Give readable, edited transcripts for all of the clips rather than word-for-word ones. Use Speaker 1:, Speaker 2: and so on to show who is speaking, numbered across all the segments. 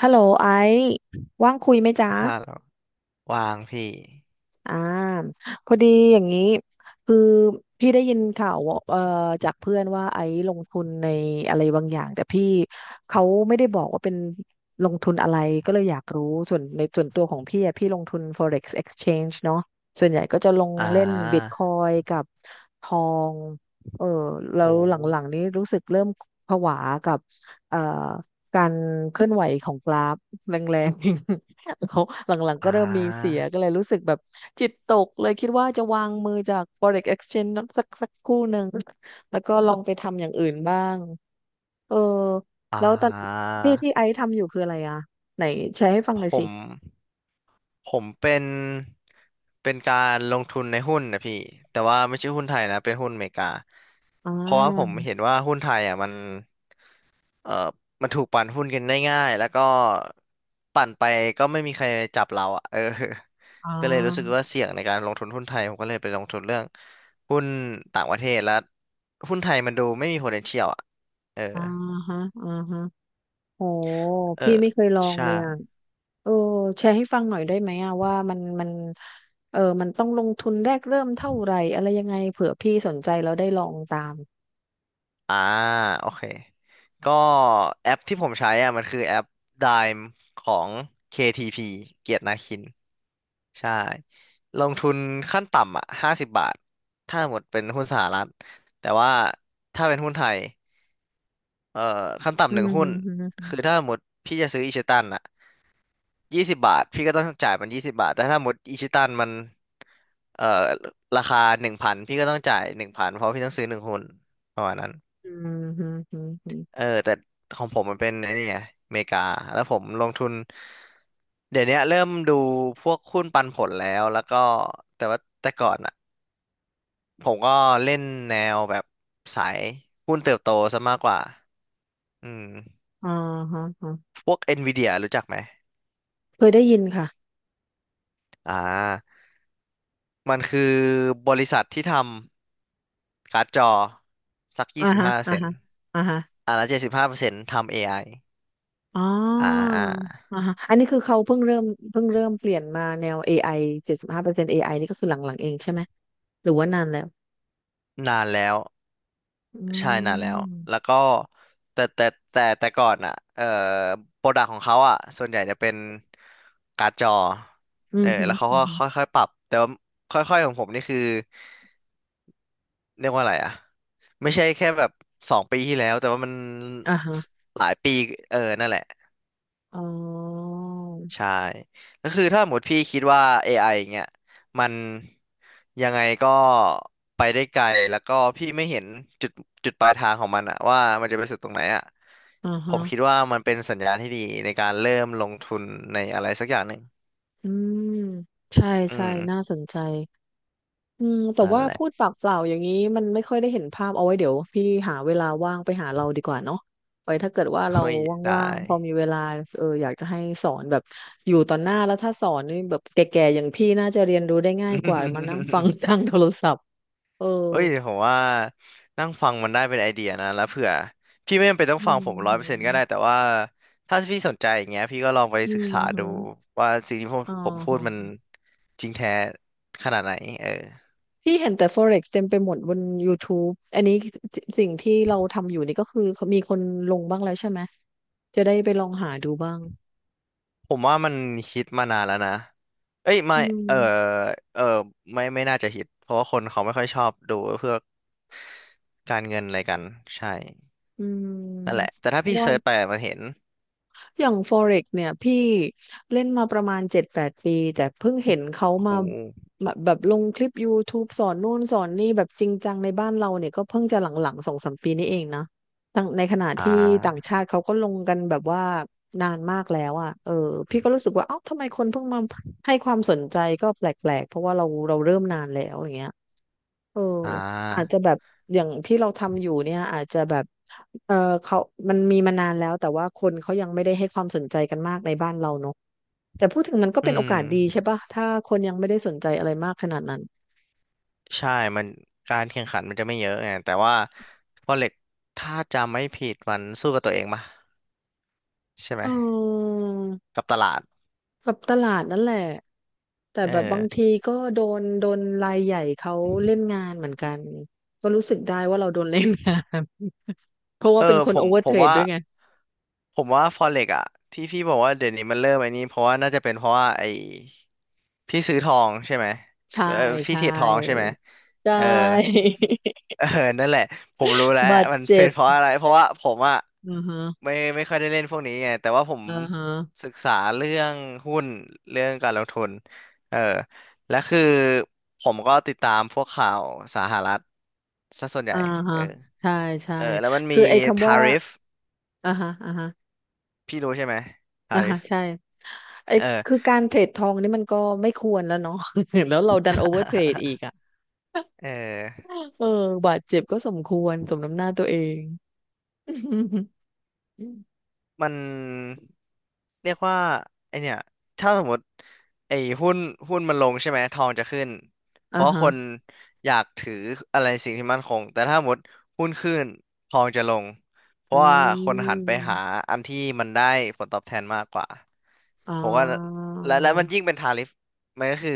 Speaker 1: ฮัลโหลไอซ์ว่างคุยไหมจ๊ะ
Speaker 2: ห้าแล้ววางพี่
Speaker 1: อ่าพอดีอย่างนี้คือพี่ได้ยินข่าวว่าจากเพื่อนว่าไอซ์ลงทุนในอะไรบางอย่างแต่พี่เขาไม่ได้บอกว่าเป็นลงทุนอะไรก็เลยอยากรู้ส่วนในส่วนตัวของพี่อะพี่ลงทุน Forex Exchange เนาะส่วนใหญ่ก็จะลง
Speaker 2: อ่
Speaker 1: เล่น
Speaker 2: า
Speaker 1: Bitcoin กับทองเออแล้ว
Speaker 2: โอ้
Speaker 1: หลังๆนี้รู้สึกเริ่มผวากับเอ่อการเคลื่อนไหวของกราฟแรงๆ เขาหลังๆก็
Speaker 2: อ่
Speaker 1: เริ่มมีเสี
Speaker 2: า
Speaker 1: ยก็เลยรู้สึกแบบจิตตกเลยคิดว่าจะวางมือจาก Forex Exchange นั้นสักคู่หนึ่งแล้วก็ลองไปทำอย่างอื่นบ้างเออ
Speaker 2: อ่
Speaker 1: แล้วตอน
Speaker 2: า
Speaker 1: ที่ไอซ์ทำอยู่คืออะไรอ่ะไหนแชร์ให้ฟัง
Speaker 2: ผ
Speaker 1: หน่อยสิ
Speaker 2: ม ผมเป็นการลงทุนในหุ้นนะพี่ แต่ว่าไม่ใช่หุ้นไทยนะ เป็นหุ้นอเมริกา
Speaker 1: อ่
Speaker 2: เพราะว่าผม
Speaker 1: า
Speaker 2: เห็นว่าหุ้นไทยอ่ะมัน เอ่อมันถูกปั่นหุ้นกันได้ง่ายแล้วก็ปั่นไปก็ไม่มีใครจับเราอ่ะ เออ
Speaker 1: อ่
Speaker 2: ก็เลยรู้สึกว่า
Speaker 1: า
Speaker 2: เสี่ยงในการลงทุนหุ้นไทย ผมก็เลยไปลงทุนเรื่องหุ้นต่างประเทศแล้วหุ้นไทยมันดูไม่มี potential อ่ะเออ
Speaker 1: อ่าฮะอ่าฮะโห
Speaker 2: เออ
Speaker 1: พี่ไม่เคยลอง
Speaker 2: ใช่
Speaker 1: เลยอ่ะเออแชร์ให้ฟังหน่อยได้ไหมอ่ะว่ามันเออมันต้องลงทุนแรกเริ่มเท่าไหร่อะไรยังไงเผื่อพี่สนใจแล้วได้ลองตาม
Speaker 2: อ่าโอเค ก็แอปที่ผมใช้อ่ะมันคือแอป Dime ของ KTP เกียรตินาคิน ใช่ลงทุนขั้นต่ำอ่ะ50 บาทถ้าหมดเป็นหุ้นสหรัฐแต่ว่าถ้าเป็นหุ้นไทยเอ่อขั้น
Speaker 1: อื
Speaker 2: ต่ำหนึ่งหุ้น
Speaker 1: ม
Speaker 2: คือถ้าหมดพี่จะซื้ออิชิตันอ่ะยี่สิบบาทพี่ก็ต้องจ่ายมันยี่สิบบาทแต่ถ้าหมดอิชิตันมันเอ่อราคาหนึ่งพันพี่ก็ต้องจ่ายหนึ่งพันเพราะพี่ต้องซื้อหนึ่งหุ้นประมาณนั้น
Speaker 1: อืมฮึฮึฮึ
Speaker 2: เออแต่ของผมมันเป็นไอ้นี่ไงอเมริกาแล้วผมลงทุนเดี๋ยวเนี้ยเริ่มดูพวกหุ้นปันผลแล้วแล้วก็แต่ว่าแต่ก่อนอะ ผมก็เล่นแนวแบบสายหุ้นเติบโตซะมากกว่า อืม
Speaker 1: อ๋อฮะฮะ
Speaker 2: พวก NVIDIA รู้จักไหม
Speaker 1: เคยได้ยินค่ะ
Speaker 2: อ่ามันคือบริษัทที่ทำการ์ดจอสักยี่
Speaker 1: อ่า
Speaker 2: สิบ
Speaker 1: ฮะ
Speaker 2: ห้าเปอร์
Speaker 1: อ่า
Speaker 2: เซ็น
Speaker 1: ฮะ
Speaker 2: ต์
Speaker 1: อ่าฮะ
Speaker 2: แล้ว75%ทำ AI
Speaker 1: อ๋อ
Speaker 2: อไอ
Speaker 1: อ่าฮะอันนี้คือเขาเพิ่งเริ่มเพิ่งเริ่มเปลี่ยนมาแนว AI 75% AI นต์เอไอนี่ก็คือหลังๆเองใช่ไหมหรือว่านานแล้ว
Speaker 2: นานแล้ว
Speaker 1: อื
Speaker 2: ใช่นานแล้ว แล้ว
Speaker 1: ม
Speaker 2: ก็แต่แต่แต่ก่อนอ่ะโปรดักของเขาอ่ะส่วนใหญ่จะเป็นการ์ดจอ
Speaker 1: อื
Speaker 2: เอ
Speaker 1: ม
Speaker 2: อ
Speaker 1: ฮึ
Speaker 2: แล้วเขา
Speaker 1: อืม
Speaker 2: ก็
Speaker 1: ฮึ
Speaker 2: ค่อยๆปรับ แต่ว่าค่อยๆของผมนี่คือ เรียกว่าอะไรอ่ะไม่ใช่แค่แบบ2 ปีที่แล้วแต่ว่ามัน
Speaker 1: อ่าฮะ
Speaker 2: หลายปีเออนั่นแหละ
Speaker 1: อ๋อ
Speaker 2: ใช่ก็คือถ้าหมดพี่คิดว่า AI อไออย่างเงี้ยมันยังไงก็ไปได้ไกลแล้วก็พี่ไม่เห็นจุดจุดปลายทางของมันอะว่ามันจะไปสุดตรงไหนอะ
Speaker 1: อ่า
Speaker 2: ผ
Speaker 1: ฮะ
Speaker 2: มคิดว่ามันเป็นสัญญาณที่ดีในการเริ่มลงทุนในอะไรสักอย่างหนึ่ง
Speaker 1: อืมใช่
Speaker 2: อื
Speaker 1: ใช่
Speaker 2: ม
Speaker 1: น่าสนใจ อืมแต่
Speaker 2: นั่น
Speaker 1: ว่า
Speaker 2: แหละ
Speaker 1: พูดปากเปล่าอย่างนี้มันไม่ค่อยได้เห็นภาพเอาไว้เดี๋ยวพี่หาเวลาว่างไปหาเราดีกว่าเนาะไว้ถ้าเกิดว่าเรา
Speaker 2: เฮ้ยได้
Speaker 1: ว่างๆพอมีเวลาเอออยากจะให้สอนแบบอยู่ต่อหน้าแล้วถ้าสอนนี่แบบแก่ๆอย่างพี่น่าจะเรียนรู้ได้ง่ายกว่ามานั่งฟัง ทา งโทรศัพท์เออ
Speaker 2: เอ้ยผมว่านั่งฟังมันได้เป็นไอเดียนะแล้วเผื่อพี่ไม่จำเป็นต้อ
Speaker 1: อื
Speaker 2: งฟังผ
Speaker 1: ม
Speaker 2: มร้อย
Speaker 1: ฮึ
Speaker 2: เปอร์เซ็นต์ก็ได้แต่ว่าถ้าพี่สนใจอย่างเงี้ยพี่ก็ลองไป
Speaker 1: อื
Speaker 2: ศึก
Speaker 1: ม
Speaker 2: ษา
Speaker 1: ฮึ
Speaker 2: ดูว่าสิ่งที่ผม
Speaker 1: อ๋อ
Speaker 2: ผมพูดมัน
Speaker 1: ฮะ
Speaker 2: จริงแท้ขนาดไหนเออ
Speaker 1: พี่เห็นแต่ Forex เต็มไปหมดบน YouTube อันนี้สิสิ่งที่เราทำอยู่นี่ก็คือมีคนลงบ้างแล้วใช่ไหมจะได้ไปลองหาดูบ้าง
Speaker 2: ผมว่ามันฮิตมานานแล้วนะเอ้ยไม่
Speaker 1: อื
Speaker 2: เออ
Speaker 1: ม
Speaker 2: เออไม่ไม่น่าจะฮิตเพราะว่าคนเขาไม่ค่อยชอบดูเพื่อการเงินอะไรกันใช่
Speaker 1: อืม
Speaker 2: นั่นแหละแต่ถ้า
Speaker 1: เพราะ
Speaker 2: พี่
Speaker 1: ว่า
Speaker 2: เซิร์ชไปอะมันเห็น
Speaker 1: อย่าง Forex เนี่ยพี่เล่นมาประมาณ7-8 ปีแต่เพิ่งเห็นเขา
Speaker 2: โอ้โห
Speaker 1: มาแบบลงคลิป YouTube สอนนู่นสอนนี่แบบจริงจังในบ้านเราเนี่ยก็เพิ่งจะหลังๆ2-3 ปีนี้เองนะต่างในขณะ
Speaker 2: อ่า
Speaker 1: ที่ต่างชาติเขาก็ลงกันแบบว่านานมากแล้วอ่ะเออพี่ก็รู้สึกว่าเอ้าทำไมคนเพิ่งมาให้ความสนใจก็แปลกๆเพราะว่าเราเริ่มนานแล้วอย่างเงี้ย เออ
Speaker 2: อ่
Speaker 1: อาจ
Speaker 2: า
Speaker 1: จะแบบอย่างที่เราทำอยู่เนี่ยอาจจะแบบเออเขามันมีมานานแล้วแต่ว่าคนเขายังไม่ได้ให้ความสนใจกันมากในบ้านเราเนอะแต่พูดถึงมันก็
Speaker 2: อื
Speaker 1: เป็นโอกาสดีใช่
Speaker 2: ม
Speaker 1: ปะถ้าคนยังไม่ได้สนใจอะไรมากขนาดนั้น
Speaker 2: ใช่มันการแข่งขันมันจะไม่เยอะไงแต่ว่าพอเหล็กถ้าจำไม่ผิดมันสู้กับตัวเองปะใช่ไห
Speaker 1: เ
Speaker 2: ม
Speaker 1: ออ
Speaker 2: กับตลาด
Speaker 1: กับตลาดนั่นแหละแต่
Speaker 2: เออ
Speaker 1: แบบบางทีก็โดนรายใหญ่เขาเล่นงานเหมือนกันก็รู้สึกได้ว่าเราโดนเล่นงาน เพราะ
Speaker 2: เอ
Speaker 1: ว่า
Speaker 2: อ
Speaker 1: เป็นค
Speaker 2: ผ
Speaker 1: นโอ
Speaker 2: ม
Speaker 1: เวอ
Speaker 2: ผ
Speaker 1: ร์เท
Speaker 2: ม
Speaker 1: รด
Speaker 2: ว่า
Speaker 1: ด้วยไง
Speaker 2: ผมว่าฟอเร็กอะที่พี่บอกว่าเดี๋ยวนี้มันเริ่มไอ้นี้เพราะว่าน่าจะเป็นเพราะว่าไอ้พี่ซื้อทองใช่ไหม
Speaker 1: ใช่
Speaker 2: เออพี่
Speaker 1: ใช่
Speaker 2: เทรดทองใช่ไหม
Speaker 1: ใช่
Speaker 2: เออ เออนั่นแหละผมรู้แล้ว
Speaker 1: บาด
Speaker 2: มัน
Speaker 1: เจ็
Speaker 2: เป็น
Speaker 1: บ
Speaker 2: เพราะอะไรเพราะว่าผมอะ
Speaker 1: อือฮะ
Speaker 2: ไม่ค่อยได้เล่นพวกนี้ไงแต่ว่าผม
Speaker 1: อ่าฮะ
Speaker 2: ศึกษาเรื่องหุ้นเรื่องการลงทุนเออและคือผมก็ติดตามพวกข่าวสหรัฐซะส่วนใหญ่
Speaker 1: อ่า
Speaker 2: เอ
Speaker 1: ฮะ
Speaker 2: อ
Speaker 1: ใช่ใช่
Speaker 2: เออแล้วมันมี
Speaker 1: คือไอ้คำ
Speaker 2: ทา
Speaker 1: ว่า
Speaker 2: ริฟ
Speaker 1: อ่าฮะอ่าฮะ
Speaker 2: พี่รู้ใช่ไหมทา
Speaker 1: อ่า
Speaker 2: ริ
Speaker 1: ฮะ
Speaker 2: ฟ
Speaker 1: ใช่ไอ้
Speaker 2: เออ
Speaker 1: คือการเทรดทองนี่มันก็ไม่ควรแล้วเนาะ แล้วเราดันโอเวอร์เทรดอีก อ่ะ
Speaker 2: เออ
Speaker 1: เออบาดเจ็บก็สมควรสมน้ำหน้าตัวเอง
Speaker 2: มันเรียกว่าไอเนี่ยถ้าสมมติไอหุ้นหุ้นมันลงใช่ไหมทองจะขึ้นเพ
Speaker 1: อ่า
Speaker 2: ราะ
Speaker 1: ฮะ
Speaker 2: คนอยากถืออะไรสิ่งที่มั่นคงแต่ถ้าสมมติหุ้นขึ้นทองจะลงเพ
Speaker 1: อื
Speaker 2: ราะว่าคนหันไปหา
Speaker 1: ม
Speaker 2: อันที่มันได้ผลตอบแทนมากกว่า
Speaker 1: อ่า
Speaker 2: ผมว่าและมันยิ่งเป็นทาริฟมันก็คือ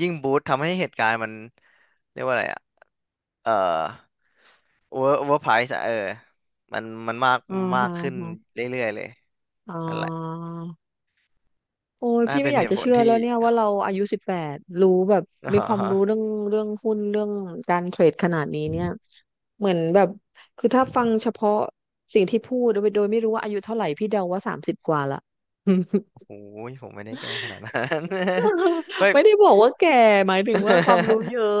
Speaker 2: ยิ่งบูสต์ทำให้เหตุการณ์มันเรียกว่าอะไรอะเอ่อ overprice อะเออมันมาก
Speaker 1: อ่า
Speaker 2: มา
Speaker 1: ฮ
Speaker 2: กขึ้น
Speaker 1: ะ
Speaker 2: เรื่อยๆเลย
Speaker 1: อ่า
Speaker 2: นั่นแหละ
Speaker 1: โอ้ย
Speaker 2: น่า
Speaker 1: พี่ไม่
Speaker 2: เป็น
Speaker 1: อยา
Speaker 2: เห
Speaker 1: กจะ
Speaker 2: ตุผล
Speaker 1: เชื่อ
Speaker 2: ที่
Speaker 1: แล้วเนี่ยว่าเราอายุ18รู้แบบ
Speaker 2: อ๋
Speaker 1: มีความรู้เรื่อ
Speaker 2: อ
Speaker 1: งเรื่องหุ้นเรื่องการเทรดขนาดนี้เนี่ยเหมือนแบบคือถ้าฟังเฉพาะสิ่งที่พูดโดยไม่รู้ว่าอายุเท่าไหร่พี่เดาว่า30กว่าละ
Speaker 2: โอ้โหผมไม่ได้แก้ขนาดนั้น เฮ้ ย
Speaker 1: ไม่ได้บอกว่าแก่หมายถึงว่าความรู้เยอะ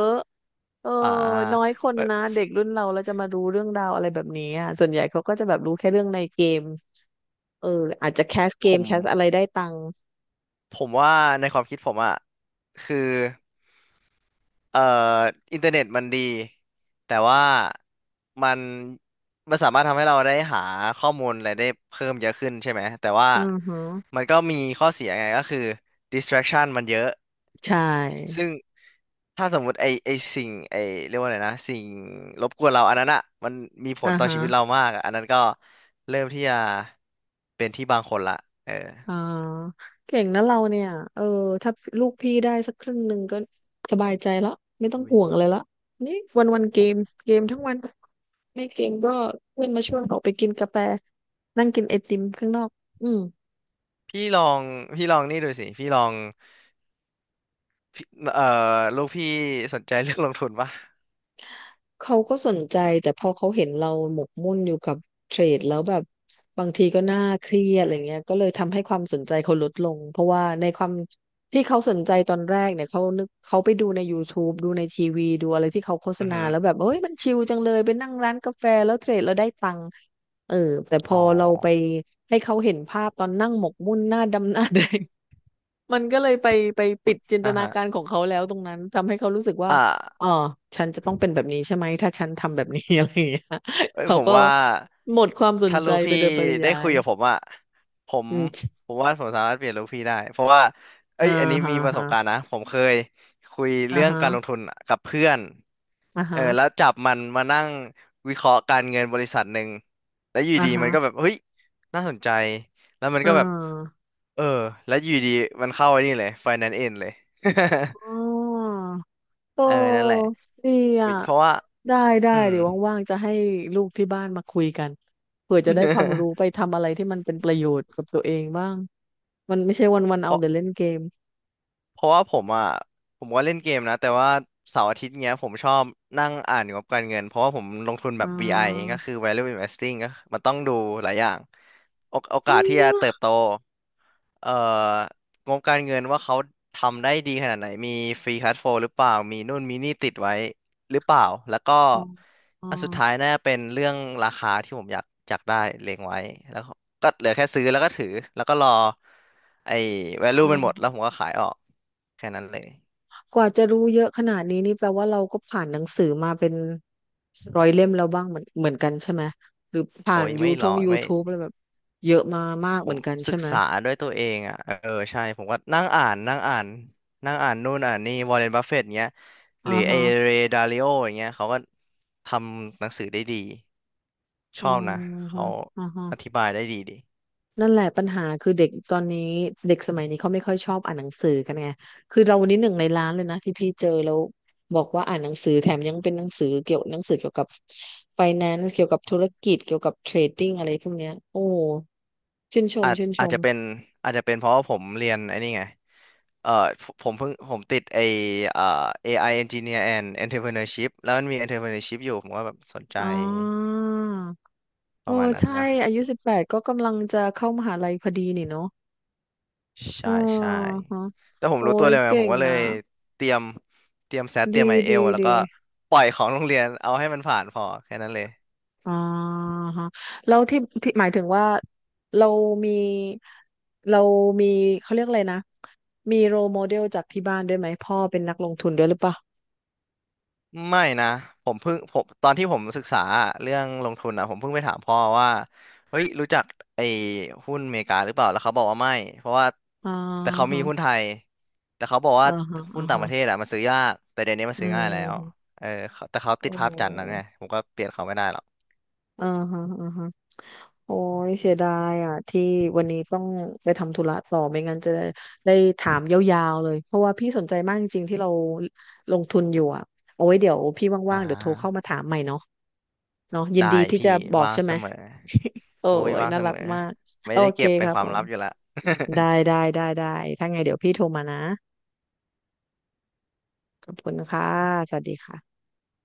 Speaker 1: เออ
Speaker 2: อ่า
Speaker 1: น้อยคน
Speaker 2: เอ้ย
Speaker 1: นะเด็กรุ่นเราจะมารู้เรื่องราวอะไรแบบนี้อะส่วนใหญ่เขาก็จะแบบรู้แค่เรื่องในเกมเอออาจจะแคสเก
Speaker 2: ผ
Speaker 1: ม
Speaker 2: ม
Speaker 1: แคสอะไรได้ตังค์
Speaker 2: ผมว่าในความคิดผมอ่ะคือเอ่ออินเทอร์เน็ตมันดี แต่ว่ามันมันสามารถทำให้เราได้หาข้อมูลอะไรได้เพิ่มเยอะขึ้นใช่ไหม แต่ว่า
Speaker 1: อือฮึ
Speaker 2: มันก็มีข้อเสียไงก็คือ distraction มันเยอะ
Speaker 1: ใช่
Speaker 2: ซึ่งถ้าสมมุติไอไอสิ่งไอเรียกว่าอะไรนะสิ่งรบกวนเราอันนั้นอ่ะมันมีผ
Speaker 1: อ่า
Speaker 2: ลต่อ
Speaker 1: ฮะ
Speaker 2: ชีวิตเรามากอะอันนั้นก็เริ่มที่จะเป็นที่บางคนละเออ
Speaker 1: อ่าเก่งนะเราเนี่ยเออถ้าลูกพี่ได้สักครึ่งหนึ่งก็สบายใจละไม่ต้อง
Speaker 2: อุ๊ย
Speaker 1: ห่วงอะไรละนี่วันวันเก
Speaker 2: ผ
Speaker 1: ม
Speaker 2: ม
Speaker 1: เกมทั้งวันไม่เกมก็เพื่อนมาชวนออกไปกินกาแฟนั่งกินไอติมข้างนอกอืม
Speaker 2: พี่ลองพี่ลองนี่ดูสิพี่ลองพี่เอ่อลูกพี่สนใจเรื่องลงทุนปะ
Speaker 1: เขาก็สนใจแต่พอเขาเห็นเราหมกมุ่นอยู่กับเทรดแล้วแบบบางทีก็น่าเครียดอะไรเงี้ยก็เลยทำให้ความสนใจเขาลดลงเพราะว่าในความที่เขาสนใจตอนแรกเนี่ยเขานึกเขาไปดูในยูทูบดูในทีวีดูอะไรที่เขาโฆษ
Speaker 2: อือ
Speaker 1: ณา
Speaker 2: หือ
Speaker 1: แล้วแบบเอ้ยมันชิลจังเลยไปนั่งร้านกาแฟแล้วเทรดแล้วได้ตังค์เออแต่พ
Speaker 2: อ๋
Speaker 1: อ
Speaker 2: อ
Speaker 1: เราไปให้เขาเห็นภาพตอนนั่งหมกมุ่นหน้าดำหน้าแดง มันก็เลยไปปิ
Speaker 2: อุ๊
Speaker 1: ด
Speaker 2: ย
Speaker 1: จินต
Speaker 2: อ่า
Speaker 1: นา
Speaker 2: ฮะ
Speaker 1: การของเขาแล้วตรงนั้นทำให้เขารู้สึกว่า
Speaker 2: อ่า
Speaker 1: อ๋อฉันจะต้องเป็นแบบนี้ใช่ไหมถ้าฉันทำแบบนี้ อะไรอย่างเงี้ย
Speaker 2: เอ้ย
Speaker 1: เขา
Speaker 2: ผม
Speaker 1: ก็
Speaker 2: ว่า
Speaker 1: หมดความสน
Speaker 2: ถ้า
Speaker 1: ใจ
Speaker 2: ลูก
Speaker 1: ไป
Speaker 2: พี่
Speaker 1: โดยปริ
Speaker 2: ได้
Speaker 1: ยา
Speaker 2: คุ
Speaker 1: ย
Speaker 2: ยกับผมอะผม
Speaker 1: อืม
Speaker 2: ว่าผมสามารถเปลี่ยนลูกพี่ได้เพราะว่าเอ้
Speaker 1: อ่า
Speaker 2: ยอันนี้
Speaker 1: ฮะ
Speaker 2: มีประส
Speaker 1: ฮะ
Speaker 2: บการณ์นะผมเคยคุย
Speaker 1: อ่า
Speaker 2: เรื่อง
Speaker 1: ฮะ
Speaker 2: การลงทุนกับเพื่อน
Speaker 1: อ่า
Speaker 2: เอ
Speaker 1: ฮะ
Speaker 2: อแล้วจับมันมานั่งวิเคราะห์การเงินบริษัทหนึ่งแล้วอยู่
Speaker 1: อ่า
Speaker 2: ดี
Speaker 1: ฮะ
Speaker 2: มันก็แบบเฮ้ยน่าสนใจแล้วมัน
Speaker 1: อ่
Speaker 2: ก็แบบ
Speaker 1: า
Speaker 2: เออแล้วอยู่ดีมันเข้าไอ้นี่เลย finance end เลย
Speaker 1: อ๋อโอ
Speaker 2: เออนั่นแหละ
Speaker 1: ้ดี
Speaker 2: อุ๊
Speaker 1: อ่ะ
Speaker 2: ยเพราะว่า
Speaker 1: ได้ได้
Speaker 2: อืม
Speaker 1: เดี๋ยวว่างๆจะให้ลูกที่บ้านมาคุยกันเผื่อจะได้ความรู้ไป ทำอะไรที่มันเป็นประโยชน์กับตัวเองบ้างมันไม่ใช่วันๆ
Speaker 2: เพ
Speaker 1: เอา
Speaker 2: ราะ
Speaker 1: แต่เล่นเกม
Speaker 2: เพราะว่าผมอ่ะผมก็เล่นเกมนะแต่ว่าเสาร์อาทิตย์เงี้ยผมชอบนั่งอ่านงบการเงินเพราะว่าผมลงทุนแบ
Speaker 1: อ่า
Speaker 2: บ VI ก็คือ Value Investing ก็มันต้องดูหลายอย่างโอ
Speaker 1: เป
Speaker 2: กาส
Speaker 1: รี
Speaker 2: ที่จะ
Speaker 1: ยว
Speaker 2: เติบโตเอ่องบการเงินว่าเขาทำได้ดีขนาดไหนมีฟรีคัชโฟลหรือเปล่ามีนู่นมีนี่ติดไว้หรือเปล่าแล้วก็
Speaker 1: อ๋ออ๋อ
Speaker 2: อันสุดท้ายน่าจะเป็นเรื่องราคาที่ผมอยากอยากได้เล็งไว้แล้ว ก็เหลือแค่ซื้อแล้วก็ถือแล้วก็รอไอ้
Speaker 1: อ๋
Speaker 2: value
Speaker 1: อ
Speaker 2: มันหมดแล้วผมก็ขายออกแค่นั้นเลย
Speaker 1: กว่าจะรู้เยอะขนาดนี้นี่แปลว่าเราก็ผ่านหนังสือมาเป็น100 เล่มแล้วบ้างเหมือนกันใช่ไหมหรือผ่า
Speaker 2: โอ้
Speaker 1: น
Speaker 2: ย
Speaker 1: ยู
Speaker 2: ไม่
Speaker 1: ท
Speaker 2: รอ
Speaker 1: ง
Speaker 2: ไม่
Speaker 1: YouTube อะไรแบบเยอะมามาก
Speaker 2: ผ
Speaker 1: เหมือ
Speaker 2: ม
Speaker 1: นกัน
Speaker 2: ศึ
Speaker 1: ใช่
Speaker 2: ก
Speaker 1: ไหม
Speaker 2: ษาด้วยตัวเองอ่ะเออใช่ผมก็นั่งอ่านนั่งอ่านนั่งอ่านนู่นอ่านนี่วอร์เรนบัฟเฟตต์เงี้ยห
Speaker 1: อ่า
Speaker 2: รือไอ
Speaker 1: ฮะ
Speaker 2: เรดาลิโออย่างเงี้ยเขาก็ทำหนังสือได้ดีช
Speaker 1: อ๋
Speaker 2: อบนะ
Speaker 1: อ
Speaker 2: เขา
Speaker 1: อ่าฮะ
Speaker 2: อธิบายได้ดีดี
Speaker 1: นั่นแหละปัญหาคือเด็กตอนนี้เด็กสมัยนี้เขาไม่ค่อยชอบอ่านหนังสือกันไงคือเราวันนี้หนึ่งในร้านเลยนะที่พี่เจอแล้วบอกว่าอ่านหนังสือแถมยังเป็นหนังสือเกี่ยวหนังสือเกี่ยวกับ f i n a n c ์เกี่ยวกับธุรกิจเกี่ยวกับเทรดดิ้งอะไรพวกเนี้ยโอ้โหชื่นชมชื่นช
Speaker 2: อาจ
Speaker 1: ม
Speaker 2: จะเป็นอาจจะเป็นเพราะว่าผมเรียนไอ้นี่ไง เอ่อผมเพิ่งผมติดไอเอ่อ AI Engineer and Entrepreneurship แล้วมันมี Entrepreneurship อยู่ผมก็แบบสนใจ
Speaker 1: อ๋อ
Speaker 2: ประ
Speaker 1: โอ้
Speaker 2: มาณนั้น
Speaker 1: ใช่
Speaker 2: ว่ะ
Speaker 1: อายุ18ก็กำลังจะเข้ามหาลัยพอดีนี่เนาะอ๋
Speaker 2: ใช่
Speaker 1: อ
Speaker 2: ใช่
Speaker 1: ฮะ
Speaker 2: แต่ผม
Speaker 1: โอ้
Speaker 2: รู้ตัว
Speaker 1: ย
Speaker 2: เลยไง
Speaker 1: เก่
Speaker 2: ผม
Speaker 1: ง
Speaker 2: ก็เลย
Speaker 1: อ่ะ
Speaker 2: เตรียมเตรียมแซดเตรียม
Speaker 1: ดี
Speaker 2: ไอเอ
Speaker 1: ดี
Speaker 2: ลแล้วก็
Speaker 1: ดี
Speaker 2: ปล่อยของโรงเรียนเอาให้มันผ่านพอแค่นั้นเลย
Speaker 1: อ่าฮะแล้วที่หมายถึงว่าเรามีเรามีเขาเรียกอะไรนะมีโรโมเดลจากที่บ้านด้วยไหมพ่อเป็นนักลงทุนด้วยหรือเปล่า
Speaker 2: ไม่นะผมเพิ่งผมตอนที่ผมศึกษาเรื่องลงทุนอ่ะผมเพิ่งไปถามพ่อว่าเฮ้ยรู้จักไอ้หุ้นอเมริกาหรือเปล่าแล้วเขาบอกว่าไม่เพราะว่า
Speaker 1: อ่า
Speaker 2: แต่เขา
Speaker 1: ฮะ
Speaker 2: มีหุ้นไทยแต่เขาบอกว่า
Speaker 1: อ่าฮะ
Speaker 2: หุ้น
Speaker 1: อ่า
Speaker 2: ต่างป
Speaker 1: ฮะ
Speaker 2: ระเทศอ่ะมันซื้อยากแต่เดี๋ยวนี้มัน
Speaker 1: อื
Speaker 2: ซื้อง่ายแล้ว
Speaker 1: ม
Speaker 2: เออเขาแต่เขาติด
Speaker 1: โอ้
Speaker 2: ภาพจำนะไงผมก็เปลี่ยนเขาไม่ได้หรอก
Speaker 1: อ่าฮะอ่าฮะ โอ้ยเสียดายอ่ะที่วันนี้ต้องไปทำธุระต่อไม่งั้นจะได้ได้ถามยาวๆเลยเพราะว่าพี่สนใจมากจริงๆที่เราลงทุนอยู่อ่ะโอ้ยเดี๋ยวพี่
Speaker 2: อ่
Speaker 1: ว่างๆเดี๋ยวโทรเข้ามา
Speaker 2: า
Speaker 1: ถามใหม่เนาะเนาะยิน
Speaker 2: ได้
Speaker 1: ดีที่
Speaker 2: พี่
Speaker 1: จะบอก
Speaker 2: ว่าง
Speaker 1: ใช่
Speaker 2: เส
Speaker 1: ไหม
Speaker 2: มอ
Speaker 1: โอ้
Speaker 2: โอ้ย
Speaker 1: ย
Speaker 2: ว่าง
Speaker 1: น่า
Speaker 2: เส
Speaker 1: รั
Speaker 2: ม
Speaker 1: ก
Speaker 2: อ
Speaker 1: มาก
Speaker 2: ไม่
Speaker 1: โอ
Speaker 2: ได้
Speaker 1: เค
Speaker 2: เก็บเป็
Speaker 1: ค
Speaker 2: น
Speaker 1: รับ
Speaker 2: ควา
Speaker 1: ผ
Speaker 2: ม
Speaker 1: ม
Speaker 2: ลับอยู่ละ
Speaker 1: ได้ ได้ได้ได้ถ้าไงเดี๋ยวพี่โทรมานะขอบคุณค่ะสวัสดีค่ะ